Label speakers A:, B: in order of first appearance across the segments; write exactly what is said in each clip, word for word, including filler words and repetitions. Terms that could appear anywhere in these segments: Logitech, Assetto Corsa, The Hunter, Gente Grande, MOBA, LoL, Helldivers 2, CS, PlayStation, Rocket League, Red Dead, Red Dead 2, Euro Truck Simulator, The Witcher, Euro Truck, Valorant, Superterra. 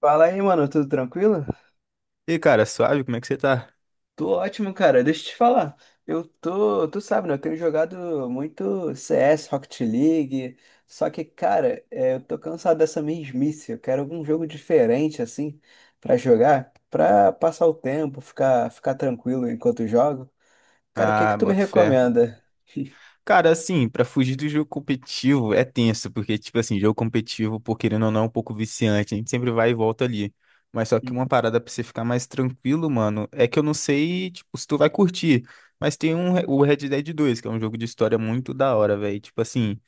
A: Fala aí, mano, tudo tranquilo?
B: E cara, suave, como é que você tá?
A: Tô ótimo, cara. Deixa eu te falar. Eu tô, tu sabe, né? Eu tenho jogado muito C S, Rocket League. Só que, cara, é, eu tô cansado dessa mesmice. Eu quero algum jogo diferente, assim, pra jogar, pra passar o tempo, ficar, ficar tranquilo enquanto jogo. Cara, o que que
B: Ah,
A: tu me
B: boto fé.
A: recomenda?
B: Cara, assim, pra fugir do jogo competitivo é tenso, porque, tipo assim, jogo competitivo, por querendo ou não, é um pouco viciante, a gente sempre vai e volta ali. Mas só que uma parada pra você ficar mais tranquilo, mano, é que eu não sei, tipo, se tu vai curtir. Mas tem um, Re- o Red Dead dois, que é um jogo de história muito da hora, velho. Tipo assim,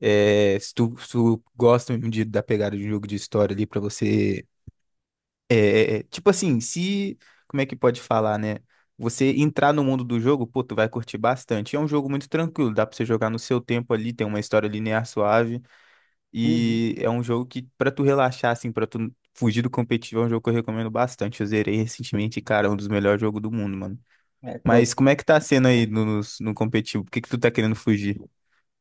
B: é, se tu, se tu gosta de, da pegada de um jogo de história ali pra você. É, é, tipo assim, se. Como é que pode falar, né? Você entrar no mundo do jogo, pô, tu vai curtir bastante. É um jogo muito tranquilo, dá pra você jogar no seu tempo ali, tem uma história linear suave.
A: Uhum.
B: E é um jogo que, pra tu relaxar, assim, pra tu fugir do competitivo, é um jogo que eu recomendo bastante. Eu zerei recentemente, e, cara, é um dos melhores jogos do mundo, mano.
A: É, pô,
B: Mas como é que tá sendo aí no, no, no competitivo? Por que que tu tá querendo fugir?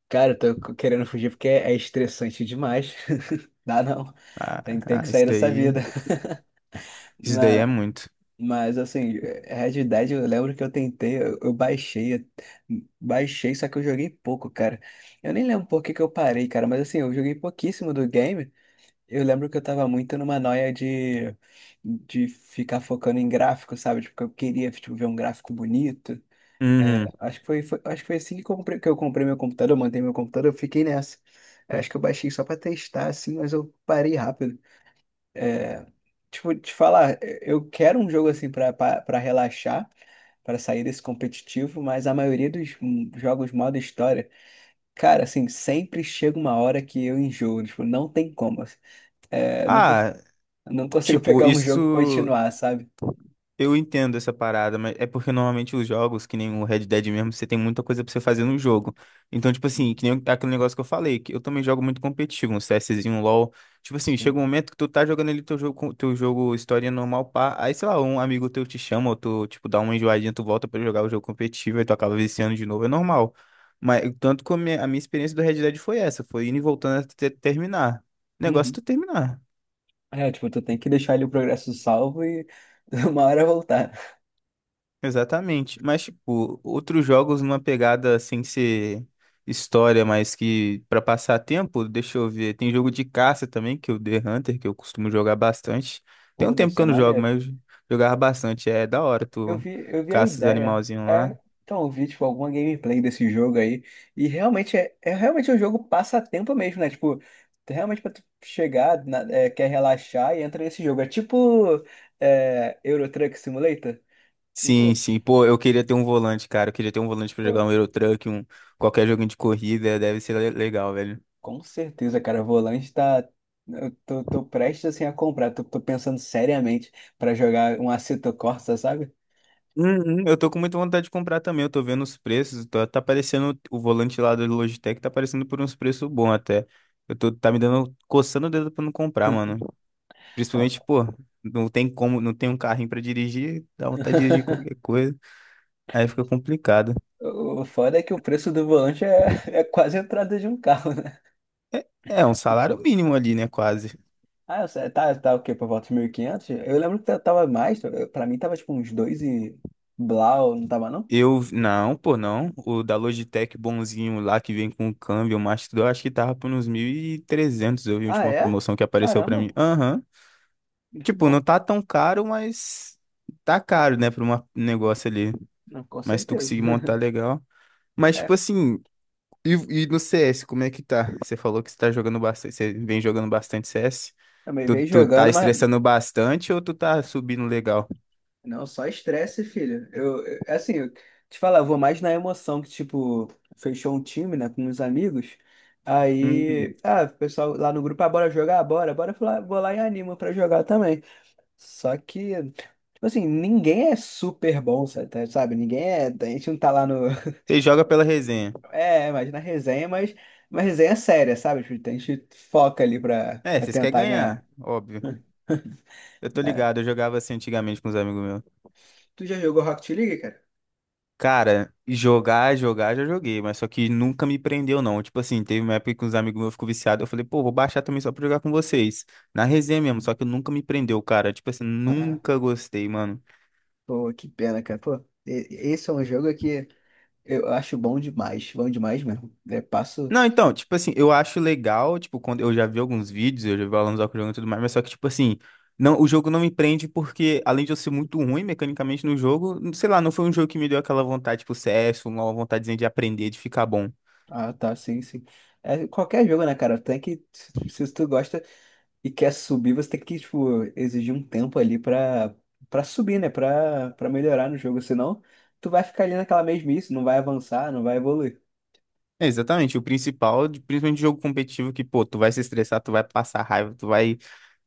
A: cara, eu tô querendo fugir porque é estressante demais. Dá não.
B: Ah,
A: Tem, que- tem que
B: ah, isso
A: sair dessa
B: daí.
A: vida.
B: Isso daí é
A: Na-
B: muito.
A: Mas assim, Red Dead, eu lembro que eu tentei, eu, eu baixei, eu- baixei, só que eu joguei pouco, cara. Eu nem lembro por que que eu parei, cara, mas assim, eu joguei pouquíssimo do game. Eu lembro que eu tava muito numa noia de, de ficar focando em gráfico, sabe? Tipo, que eu queria, tipo, ver um gráfico bonito.
B: Uhum.
A: Acho que foi, foi- acho que foi assim que, comprei, que eu comprei meu computador, eu montei meu computador, eu fiquei nessa. Acho que eu baixei só pra testar, assim, mas eu parei rápido. É, tipo, te falar, eu quero um jogo assim pra pra- pra relaxar, pra sair desse competitivo, mas a maioria dos hum, jogos modo história, cara, assim, sempre chega uma hora que eu enjoo, tipo, não tem como. Assim. É, não, cons-
B: Ah,
A: não consigo
B: tipo,
A: pegar um jogo e
B: isso.
A: continuar, sabe?
B: Eu entendo essa parada, mas é porque normalmente os jogos, que nem o Red Dead mesmo, você tem muita coisa pra você fazer no jogo. Então, tipo assim, que
A: Uhum.
B: nem aquele negócio que eu falei, que eu também jogo muito competitivo, um CSzinho, um LoL. Tipo assim, chega um
A: Sim.
B: momento que tu tá jogando ali teu jogo, com- teu jogo história normal, pá. Aí, sei lá, um amigo teu te chama, ou tu, tipo, dá uma enjoadinha, tu volta pra jogar o jogo competitivo, aí tu acaba viciando de novo, é normal. Mas tanto que a minha, a minha experiência do Red Dead foi essa, foi indo e voltando até terminar. O negócio é
A: Uhum.
B: tu terminar.
A: É, tipo, tu tem que deixar ali o progresso salvo e uma hora voltar.
B: Exatamente. Mas, tipo, outros jogos numa pegada sem ser história, mas que pra passar tempo, deixa eu ver. Tem jogo de caça também, que é o The Hunter, que eu costumo jogar bastante. Tem um
A: Pô, deve
B: tempo que
A: ser
B: eu não jogo,
A: maneiro.
B: mas eu jogava bastante. É da hora,
A: Eu
B: tu
A: vi, eu vi a
B: caça os
A: ideia.
B: animalzinhos lá.
A: É, então, eu vi, tipo, alguma gameplay desse jogo aí. E realmente é, é realmente é um jogo passatempo mesmo, né? Tipo, realmente pra tu chegar, na- é, quer relaxar e entra nesse jogo. É tipo é, Euro Truck Simulator.
B: Sim,
A: Tipo,
B: sim. Pô, eu queria ter um volante, cara. Eu queria ter um volante pra jogar
A: pô,
B: um Euro Truck, um qualquer joguinho de corrida, deve ser le- legal, velho.
A: com certeza, cara. O volante tá. Eu tô, tô prestes assim a comprar. Tô, tô pensando seriamente pra jogar um Assetto Corsa, sabe?
B: Uhum, eu tô com muita vontade de comprar também. Eu tô vendo os preços. Tá, tá parecendo o volante lá do Logitech, tá aparecendo por uns preços bons até. Eu tô, tá me dando, coçando o dedo pra não comprar, mano. Principalmente, pô, não tem como, não tem um carrinho pra dirigir, dá vontade de dirigir qualquer coisa. Aí fica complicado.
A: O foda é que o preço do volante é, é quase a entrada de um carro, né?
B: É, é um salário mínimo ali, né? Quase.
A: Ah, eu sei, tá, tá o quê? Por volta de mil e quinhentos. Eu lembro que tava mais, eu- pra mim tava tipo uns dois e blau, não tava não?
B: Eu, não, pô, não. O da Logitech bonzinho lá que vem com o câmbio, o Master, eu acho que tava por uns mil e trezentos. Eu vi a
A: Ah,
B: última
A: é?
B: promoção que apareceu pra
A: Caramba,
B: mim. Aham.
A: muito
B: Tipo, não
A: bom.
B: tá tão caro, mas tá caro, né, pra uma- um negócio ali.
A: Não, com
B: Mas se tu
A: certeza.
B: conseguir montar legal. Mas, tipo
A: É,
B: assim, e, e no C S, como é que tá? Você falou que você tá jogando bastante, você vem jogando bastante C S.
A: também
B: Tu,
A: veio
B: tu tá
A: jogando, mas
B: estressando bastante ou tu tá subindo legal?
A: não, só estresse, filho. Eu, eu- é assim, eu te falar, eu vou mais na emoção que, tipo, fechou um time, né, com uns amigos.
B: Hum,
A: Aí, ah, o pessoal lá no grupo, ah, bora jogar? Bora, bora, eu fui lá- vou lá e animo pra jogar também. Só que, tipo assim, ninguém é super bom, sa- tá- sabe? Ninguém é. A gente não tá lá no.
B: você joga pela resenha.
A: É, imagina a resenha, mas uma resenha séria, sabe? Tipo, a gente foca ali pra,
B: É,
A: pra
B: vocês querem
A: tentar
B: ganhar,
A: ganhar.
B: óbvio. Eu tô
A: Né?
B: ligado, eu jogava assim antigamente com os amigos meus.
A: Tu já jogou Rocket League, cara?
B: Cara, jogar, jogar, já joguei, mas só que nunca me prendeu, não. Tipo assim, teve uma época que uns amigos meus ficou viciado, eu falei, pô, vou baixar também só pra jogar com vocês. Na resenha mesmo, só que nunca me prendeu, cara. Tipo assim,
A: Ah,
B: nunca gostei, mano.
A: pô, que pena, cara. Pô, e- esse é um jogo que eu acho bom demais, bom demais mesmo. Eu passo.
B: Não, então, tipo assim, eu acho legal, tipo, quando eu já vi alguns vídeos, eu já vi alunos jogando e tudo mais, mas só que, tipo assim, não, o jogo não me prende porque, além de eu ser muito ruim mecanicamente no jogo, sei lá, não foi um jogo que me deu aquela vontade, tipo, C S, uma vontadezinha de aprender, de ficar bom.
A: Ah, tá, sim, sim. É, qualquer jogo, né, cara? Tem que. Se se tu gosta. E quer subir, você tem que, tipo, exigir um tempo ali pra, pra subir, né? Pra, pra melhorar no jogo. Senão, tu vai ficar ali naquela mesmice, não vai avançar, não vai evoluir.
B: É, exatamente, o principal, de- principalmente de jogo competitivo, que, pô, tu vai se estressar, tu vai passar raiva, tu vai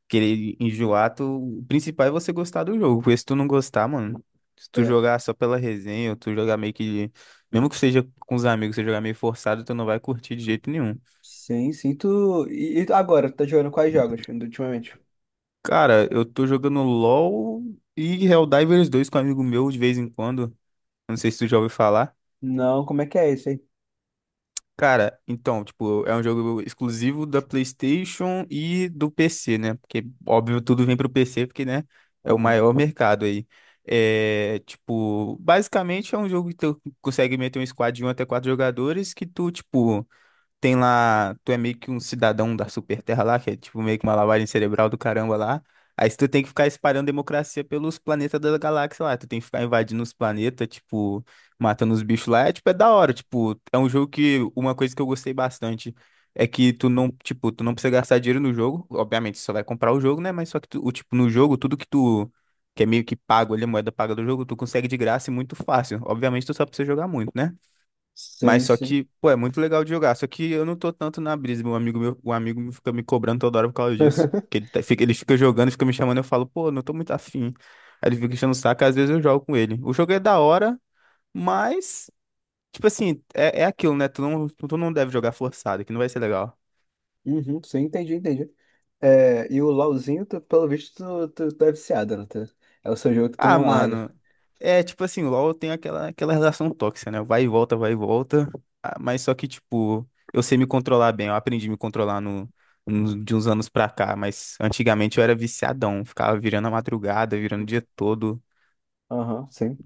B: querer enjoar, tu... O principal é você gostar do jogo, porque se tu não gostar, mano, se tu
A: É.
B: jogar só pela resenha, ou tu jogar meio que, mesmo que seja com os amigos, você jogar meio forçado, tu não vai curtir de jeito nenhum.
A: Sim, sim. Tu... E, e tu- agora, tu tá jogando quais jogos ultimamente?
B: Cara, eu tô jogando LoL e Helldivers dois com um amigo meu de vez em quando, não sei se tu já ouviu falar.
A: Não, como é que é esse aí?
B: Cara, então, tipo, é um jogo exclusivo da PlayStation e do P C, né? Porque, óbvio, tudo vem pro P C, porque, né, é o
A: Aham.
B: maior mercado aí. É, tipo, basicamente é um jogo que tu consegue meter um squad de um até quatro jogadores que tu, tipo, tem lá, tu é meio que um cidadão da Superterra lá, que é tipo meio que uma lavagem cerebral do caramba lá. Aí tu tem que ficar espalhando democracia pelos planetas da galáxia lá. Tu tem que ficar invadindo os planetas, tipo, matando os bichos lá. É tipo, é da hora. Tipo, é um jogo que uma coisa que eu gostei bastante é que tu não, tipo, tu não precisa gastar dinheiro no jogo. Obviamente, tu só vai comprar o jogo, né? Mas só que tu, o tipo, no jogo, tudo que tu que é meio que pago ali, a moeda paga do jogo, tu consegue de graça e muito fácil. Obviamente, tu só precisa jogar muito, né? Mas
A: Sim,
B: só
A: sim.
B: que, pô, é muito legal de jogar. Só que eu não tô tanto na brisa. Meu amigo, meu, um amigo me fica me cobrando toda hora por causa disso. Que ele, tá- fica, ele fica jogando, fica me chamando, eu falo, pô, não tô muito afim. Aí ele fica enchendo o saco, às vezes eu jogo com ele. O jogo é da hora, mas, tipo assim, é, é aquilo, né? Tu não, tu não deve jogar forçado, que não vai ser legal.
A: Uhum, sim, entendi, entendi. É, e o LoLzinho, tu- pelo visto, tu, tu, tu é viciado, né? Tu- é o seu jogo que tu
B: Ah,
A: não larga.
B: mano, é tipo assim, o LoL tem aquela, aquela relação tóxica, né? Vai e volta, vai e volta. Ah, mas só que, tipo, eu sei me controlar bem. Eu aprendi a me controlar no, nos- de uns anos pra cá. Mas antigamente eu era viciadão. Ficava virando a madrugada, virando o dia todo.
A: Aham, sim.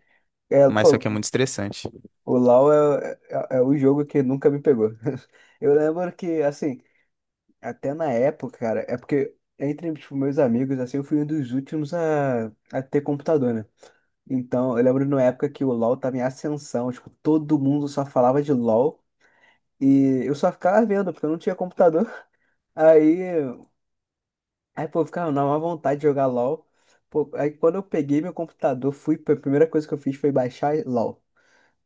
A: É,
B: Mas só que é
A: pô,
B: muito estressante.
A: o LoL é, é, é o jogo que nunca me pegou. Eu lembro que, assim, até na época, cara, é porque entre, tipo, meus amigos, assim, eu fui um dos últimos a, a ter computador, né? Então, eu lembro na época que o LoL tava em ascensão, tipo, todo mundo só falava de LoL e eu só ficava vendo, porque eu não tinha computador. Aí Aí, pô, ficava na má vontade de jogar LOL. Pô, aí quando eu peguei meu computador, fui, a primeira coisa que eu fiz foi baixar LOL.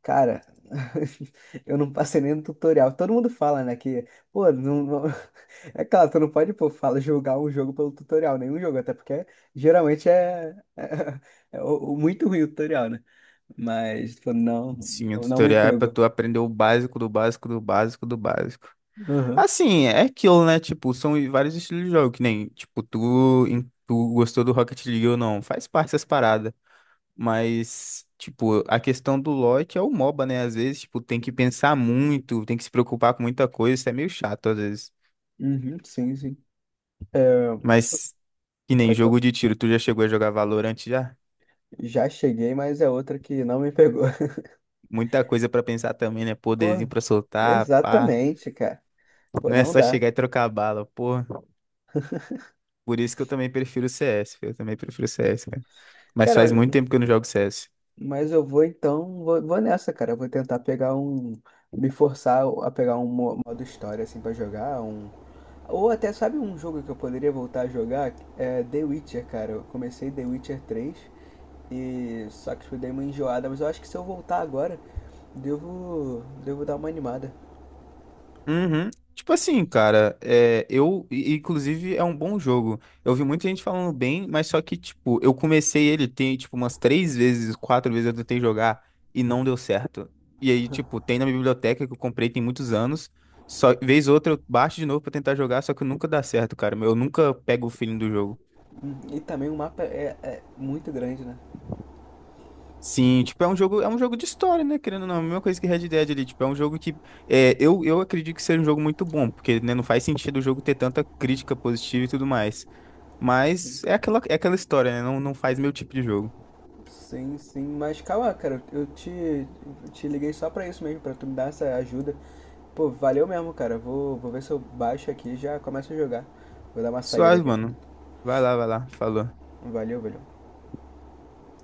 A: Cara, eu não passei nem no tutorial. Todo mundo fala, né, que, pô, não, não- é claro, tu não pode, pô, fala, jogar um jogo pelo tutorial, nenhum jogo, até porque geralmente é, é, é o- o muito ruim o tutorial, né? Mas, pô, não,
B: Sim, o
A: não me
B: tutorial é pra
A: pegou.
B: tu aprender o básico do básico do básico do básico.
A: Aham.
B: Assim, é aquilo, né? Tipo, são vários estilos de jogo, que nem, tipo, tu, em- tu gostou do Rocket League ou não. Faz parte dessas paradas. Mas, tipo, a questão do lote é o moba, né? Às vezes, tipo, tem que pensar muito, tem que se preocupar com muita coisa, isso é meio chato às vezes.
A: Uhum, sim, sim. É,
B: Mas, que nem
A: pode falar.
B: jogo de tiro, tu já chegou a jogar Valorant já?
A: Já cheguei, mas é outra que não me pegou.
B: Muita coisa pra pensar também, né?
A: Pô,
B: Poderzinho pra soltar, pá.
A: exatamente, cara. Pô,
B: Não é
A: não
B: só
A: dá.
B: chegar e trocar bala, pô. Por isso que eu também prefiro o C S, eu também prefiro o C S, cara. Mas
A: Cara,
B: faz
A: mas,
B: muito tempo que eu não jogo C S.
A: mas eu vou então, vou, vou nessa, cara. Eu vou tentar pegar um, me forçar a pegar um mo- modo história assim pra jogar, um ou até sabe um jogo que eu poderia voltar a jogar? É The Witcher, cara. Eu comecei The Witcher três e só que eu dei uma enjoada, mas eu acho que se eu voltar agora, devo devo dar uma animada.
B: Uhum. Tipo assim, cara, é, eu, i- inclusive, é um bom jogo. Eu vi muita gente falando bem, mas só que, tipo, eu comecei ele tem, tipo, umas três vezes, quatro vezes eu tentei jogar e não deu certo. E aí, tipo, tem na biblioteca que eu comprei tem muitos anos. Só vez ou outra eu baixo de novo pra tentar jogar, só que nunca dá certo, cara. Eu nunca pego o feeling do jogo.
A: Hum, E também o mapa é, é muito grande, né?
B: Sim, tipo, é um jogo, é um jogo de história, né? Querendo ou não, é a mesma coisa que Red Dead ali, tipo, é um jogo que é, eu, eu acredito que seja um jogo muito bom, porque né, não faz sentido o jogo ter tanta crítica positiva e tudo mais. Mas é aquela, é aquela história, né? Não, não faz meu tipo de jogo.
A: Sim, sim, mas calma, cara, eu te, eu te liguei só pra isso mesmo, pra tu me dar essa ajuda. Pô, valeu mesmo, cara. Vou, vou ver se eu baixo aqui e já começo a jogar. Vou dar uma saída
B: Suave,
A: aqui.
B: mano. Vai lá, vai lá. Falou.
A: Valeu, valeu.